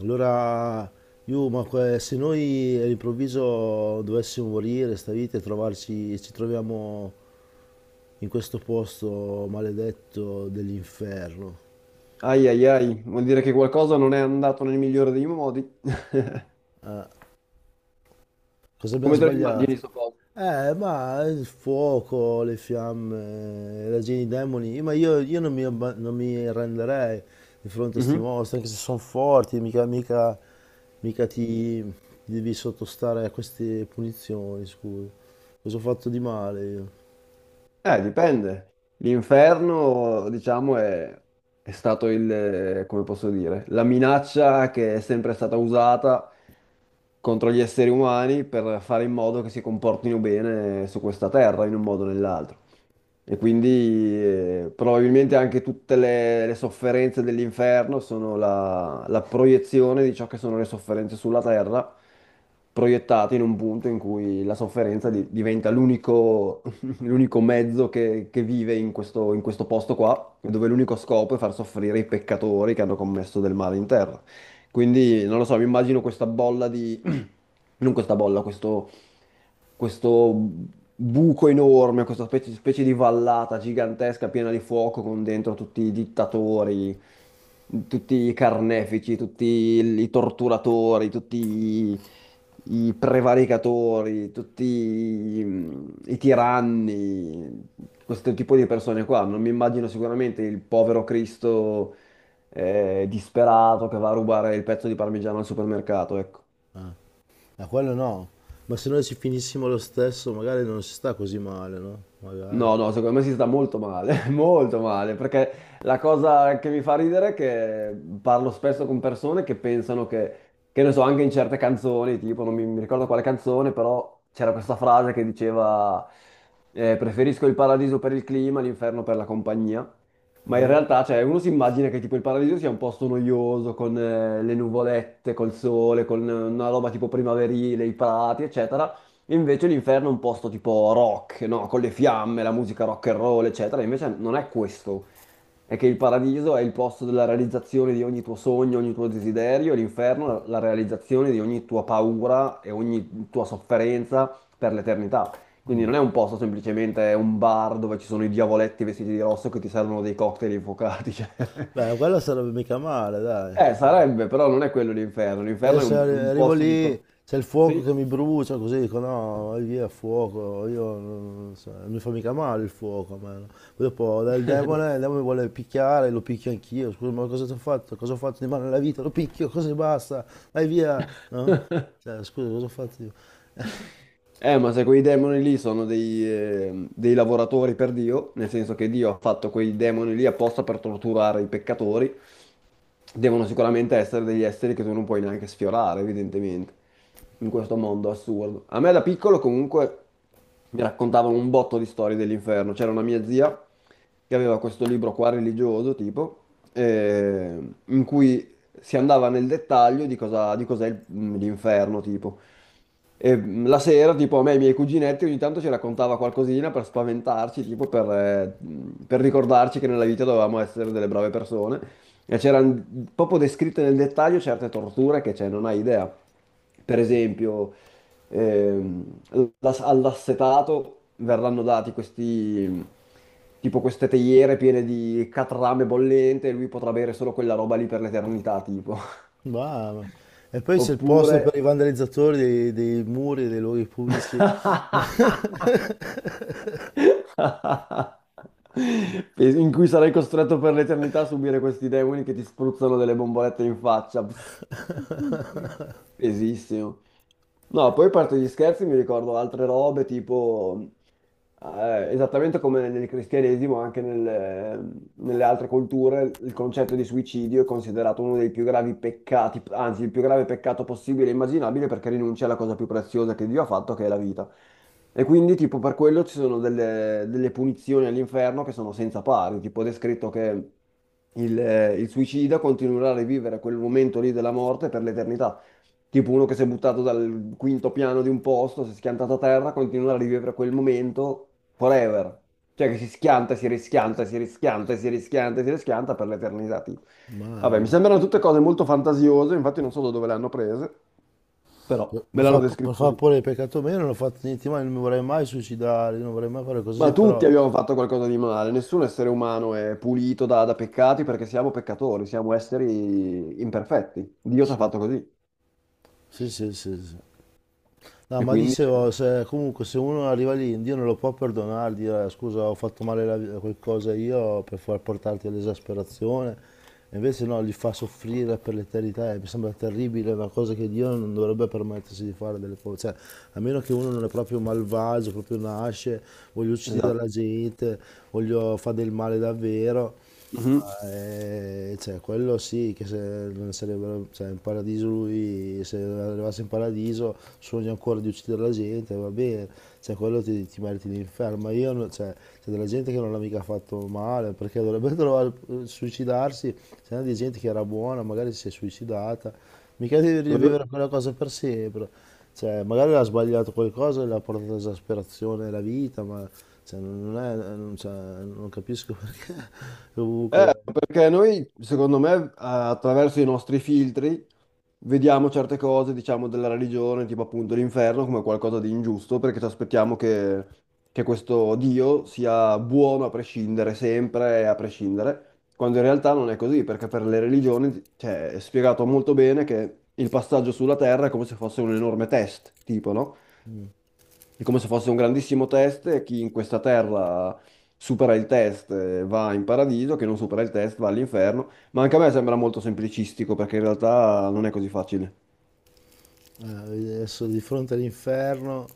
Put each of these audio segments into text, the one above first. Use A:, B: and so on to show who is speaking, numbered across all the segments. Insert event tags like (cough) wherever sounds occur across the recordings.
A: Allora, io, ma se noi all'improvviso dovessimo morire sta vita e trovarci, ci troviamo in questo posto maledetto dell'inferno,
B: Ai ai ai, vuol dire che qualcosa non è andato nel migliore dei modi. (laughs)
A: cosa abbiamo
B: Come te lo immagini,
A: sbagliato?
B: sto posto?
A: Ma il fuoco, le fiamme, la gente, i demoni, ma io non mi arrenderei di fronte a sti
B: Mhm.
A: mostri, anche se sono forti, mica, mica, mica ti devi sottostare a queste punizioni, scusa. Cosa ho fatto di male io?
B: Dipende. L'inferno, diciamo, è stato come posso dire, la minaccia che è sempre stata usata contro gli esseri umani per fare in modo che si comportino bene su questa terra, in un modo o nell'altro. E quindi probabilmente anche tutte le sofferenze dell'inferno sono la proiezione di ciò che sono le sofferenze sulla terra, proiettate in un punto in cui la sofferenza diventa l'unico (laughs) l'unico mezzo che vive in questo posto qua, dove l'unico scopo è far soffrire i peccatori che hanno commesso del male in terra. Quindi, non lo so, mi immagino questa bolla di (clears throat) non questa bolla, questo buco enorme, questa specie di vallata gigantesca piena di fuoco con dentro tutti i dittatori, tutti i carnefici, tutti i torturatori, i prevaricatori, i tiranni, questo tipo di persone qua. Non mi immagino sicuramente il povero Cristo disperato che va a rubare il pezzo di parmigiano al supermercato, ecco.
A: Ma quello no. Ma se noi ci finissimo lo stesso, magari non si sta così male, no? Magari.
B: No, no, secondo me si sta molto male, (laughs) molto male, perché la cosa che mi fa ridere è che parlo spesso con persone che pensano che ne so, anche in certe canzoni, tipo, non mi, mi ricordo quale canzone, però c'era questa frase che diceva preferisco il paradiso per il clima, l'inferno per la compagnia, ma in
A: Mm.
B: realtà, cioè, uno si immagina che tipo il paradiso sia un posto noioso, con le nuvolette, col sole, con una roba tipo primaverile, i prati, eccetera. Invece l'inferno è un posto tipo rock, no? Con le fiamme, la musica rock and roll, eccetera. Invece non è questo. È che il paradiso è il posto della realizzazione di ogni tuo sogno, ogni tuo desiderio, e l'inferno la realizzazione di ogni tua paura e ogni tua sofferenza per l'eternità. Quindi non è un posto semplicemente è un bar dove ci sono i diavoletti vestiti di rosso che ti servono dei cocktail infuocati. (laughs) Cioè.
A: Beh, quello sarebbe mica male, dai.
B: Sarebbe, però non è quello l'inferno.
A: Beh,
B: L'inferno è
A: se
B: è un
A: arrivo
B: posto di
A: lì, c'è il fuoco
B: Sì.
A: che mi brucia, così dico no, vai via, fuoco. Io non so, non mi fa mica male il fuoco a me, no? Poi dopo il demone mi vuole picchiare, lo picchio anch'io. Scusa, ma cosa ti ho fatto? Cosa ho fatto di male nella vita? Lo picchio, così basta, vai via, no?
B: (laughs)
A: Cioè, scusa, cosa ho fatto io?
B: Ma se quei demoni lì sono dei lavoratori per Dio, nel senso che Dio ha fatto quei demoni lì apposta per torturare i peccatori, devono sicuramente essere degli esseri che tu non puoi neanche sfiorare, evidentemente, in questo mondo assurdo. A me da piccolo comunque mi raccontavano un botto di storie dell'inferno. C'era una mia zia che aveva questo libro qua religioso, tipo, eh, in cui si andava nel dettaglio di cosa, di cos'è l'inferno, tipo. E la sera, tipo, a me e i miei cuginetti ogni tanto ci raccontava qualcosina per spaventarci, tipo per ricordarci che nella vita dovevamo essere delle brave persone. E c'erano proprio descritte nel dettaglio certe torture che, cioè, non hai idea. Per esempio, ehm, all'assetato verranno dati questi, tipo queste teiere piene di catrame bollente e lui potrà bere solo quella roba lì per l'eternità, tipo. (laughs)
A: Brava. E poi c'è il posto per
B: Oppure...
A: i vandalizzatori dei muri e dei luoghi pubblici. (laughs)
B: (laughs) in cui sarai costretto per l'eternità a subire questi demoni che ti spruzzano delle bombolette in faccia. Pss, pesissimo. No, poi a parte gli scherzi mi ricordo altre robe tipo, esattamente come nel cristianesimo, anche nelle altre culture, il concetto di suicidio è considerato uno dei più gravi peccati, anzi il più grave peccato possibile e immaginabile perché rinuncia alla cosa più preziosa che Dio ha fatto, che è la vita. E quindi tipo per quello ci sono delle punizioni all'inferno che sono senza pari, tipo è descritto che il il suicida continuerà a rivivere quel momento lì della morte per l'eternità. Tipo uno che si è buttato dal quinto piano di un posto, si è schiantato a terra, continua a rivivere quel momento forever. Cioè che si schianta, si rischianta, si rischianta, si rischianta, si rischianta per l'eternità, tipo. Vabbè, mi
A: Mamma.
B: sembrano tutte cose molto fantasiose, infatti non so da dove le hanno prese, però
A: Per
B: me
A: far,
B: l'hanno
A: per
B: descritto
A: far
B: così.
A: pure il peccato meno non ho fatto niente, ma non mi vorrei mai suicidare, non vorrei mai fare cose
B: Ma
A: così,
B: tutti
A: però.
B: abbiamo fatto qualcosa di male, nessun essere umano è pulito da peccati perché siamo peccatori, siamo esseri imperfetti. Dio ci ha
A: Sì,
B: fatto così.
A: sì, sì, sì, sì. No,
B: E
A: ma
B: quindi, cioè,
A: dicevo, comunque se uno arriva lì, Dio non lo può perdonare, dire scusa ho fatto male qualcosa io per far portarti all'esasperazione". E invece no, li fa soffrire per l'eternità, e mi sembra terribile, è una cosa che Dio non dovrebbe permettersi di fare delle cose, cioè a meno che uno non è proprio malvagio, proprio nasce, voglio uccidere
B: esatto.
A: la gente, voglio fare del male davvero.
B: Mhm.
A: Ma, cioè, quello sì, che se non sarebbero, cioè, in paradiso lui, se arrivasse in paradiso, sogna ancora di uccidere la gente, va bene, cioè, quello ti meriti l'inferno, ma io, cioè, c'è della gente che non l'ha mica fatto male, perché dovrebbe (laughs) trovare, suicidarsi, c'è di gente che era buona, magari si è suicidata, mica devi rivivere quella cosa per sempre. Cioè, magari ha sbagliato qualcosa e l'ha portato all'esasperazione la vita, ma cioè, non è, non, cioè, non capisco (laughs) perché comunque
B: Perché noi, secondo me, attraverso i nostri filtri vediamo certe cose, diciamo, della religione, tipo appunto l'inferno, come qualcosa di ingiusto, perché ci aspettiamo che questo Dio sia buono a prescindere, sempre e a prescindere, quando in realtà non è così, perché per le religioni, cioè, è spiegato molto bene che il passaggio sulla terra è come se fosse un enorme test, tipo, no? È come se fosse un grandissimo test e chi in questa terra supera il test va in paradiso, chi non supera il test va all'inferno. Ma anche a me sembra molto semplicistico perché in realtà non è così facile.
A: adesso di fronte all'inferno,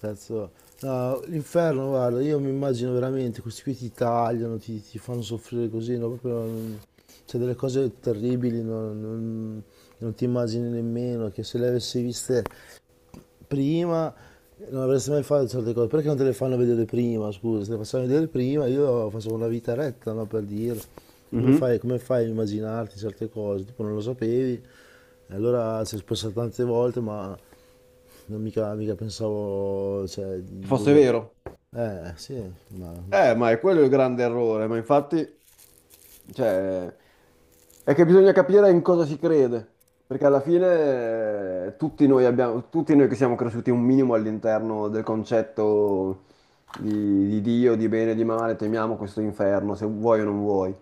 A: cazzo, no, l'inferno, guarda, io mi immagino veramente, questi qui ti tagliano, ti fanno soffrire così, no, proprio, cioè, delle cose terribili, no, non ti immagini nemmeno, che se le avessi viste prima non avresti mai fatto certe cose, perché non te le fanno vedere prima, scusa, se le facevano vedere prima io facevo una vita retta, no, per dire,
B: Mhm.
A: come fai a immaginarti certe cose, tipo non lo sapevi, e allora ci è passato tante volte, ma non mica, mica pensavo, cioè,
B: Se
A: di
B: fosse
A: dover.
B: vero.
A: Sì, ma non so.
B: Ma è quello il grande errore, ma infatti, cioè, è che bisogna capire in cosa si crede, perché alla fine tutti noi abbiamo, tutti noi che siamo cresciuti un minimo all'interno del concetto di Dio, di bene e di male, temiamo questo inferno, se vuoi o non vuoi.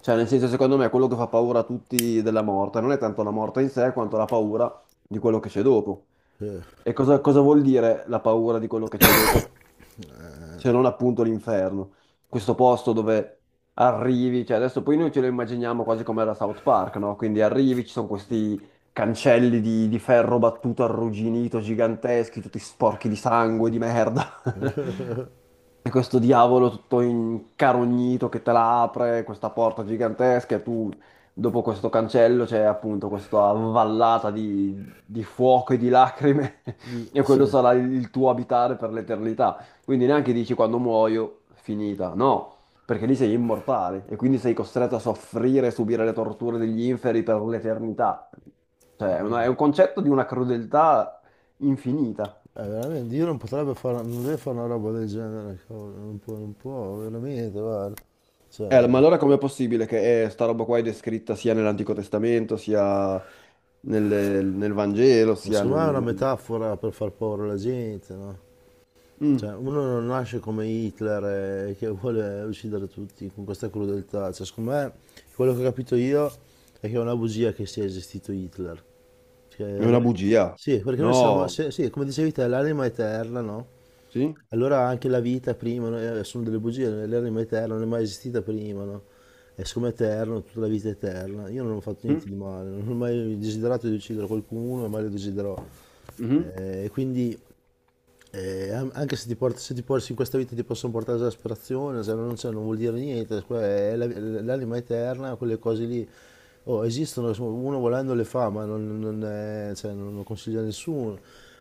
B: Cioè, nel senso, secondo me, quello che fa paura a tutti della morte non è tanto la morte in sé, quanto la paura di quello che c'è dopo.
A: Eh,
B: E cosa, cosa vuol dire la paura di quello che c'è dopo? Se non appunto l'inferno. Questo posto dove arrivi, cioè adesso poi noi ce lo immaginiamo quasi come era South Park, no? Quindi arrivi, ci sono questi cancelli di ferro battuto arrugginito, giganteschi, tutti sporchi di sangue, di merda. (laughs) E questo diavolo tutto incarognito che te la apre, questa porta gigantesca, e tu dopo questo cancello c'è appunto questa vallata di fuoco e di lacrime, (laughs) e quello
A: sì.
B: sarà il tuo abitare per l'eternità. Quindi neanche dici quando muoio, finita, no, perché lì sei immortale e quindi sei costretto a soffrire e subire le torture degli inferi per l'eternità. Cioè, è un concetto di una crudeltà infinita.
A: Veramente, Dio non potrebbe fare, non deve fare una roba del genere, cavolo, non può, non può, veramente, guarda, cioè.
B: Ma allora com'è possibile che sta roba qua è descritta sia nell'Antico Testamento, sia nel Vangelo,
A: Ma
B: sia
A: secondo
B: nel...
A: me è una
B: nel-
A: metafora per far paura alla gente, no?
B: Mm,
A: Cioè, uno non nasce come Hitler che vuole uccidere tutti con questa crudeltà. Cioè, secondo me, quello che ho capito io è che è una bugia che sia esistito Hitler.
B: è
A: Cioè, la-
B: una bugia.
A: Sì, perché noi siamo,
B: No.
A: sì, come dicevi te, l'anima eterna, no?
B: Sì?
A: Allora anche la vita prima, no, sono delle bugie, l'errore è eterno, non è mai esistita prima, no? E siccome è eterno, tutta la vita è eterna. Io non ho fatto
B: Mm,
A: niente di male, non ho mai desiderato di uccidere qualcuno e mai lo desiderò.
B: mhm,
A: E quindi anche se in questa vita ti possono portare all'asperazione, se non, c'è, non vuol dire niente, è l'anima eterna, quelle cose lì oh, esistono, insomma, uno volendo le fa, ma non, non è- cioè, non lo consiglia a nessuno.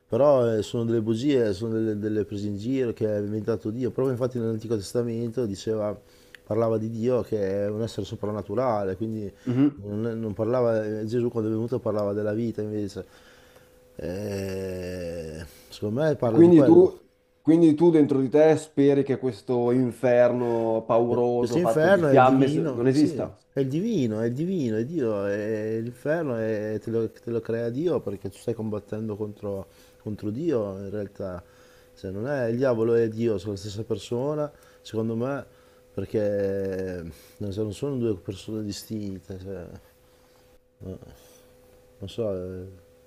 A: Però sono delle bugie, sono delle prese in giro che ha inventato Dio. Proprio infatti nell'Antico Testamento parlava di Dio che è un essere soprannaturale, quindi
B: mhm.
A: non parlava. Gesù quando è venuto parlava della vita invece. Secondo me parla di
B: Quindi
A: quello.
B: tu, quindi tu dentro di te speri che questo inferno
A: Questo
B: pauroso fatto di
A: inferno è il
B: fiamme
A: divino,
B: non
A: sì,
B: esista?
A: è il divino, è il divino, è Dio, è l'inferno e te lo crea Dio perché tu stai combattendo contro, contro Dio in realtà. Se non è il diavolo e Dio, sono la stessa persona, secondo me, perché non so, non sono due persone distinte, cioè, non so.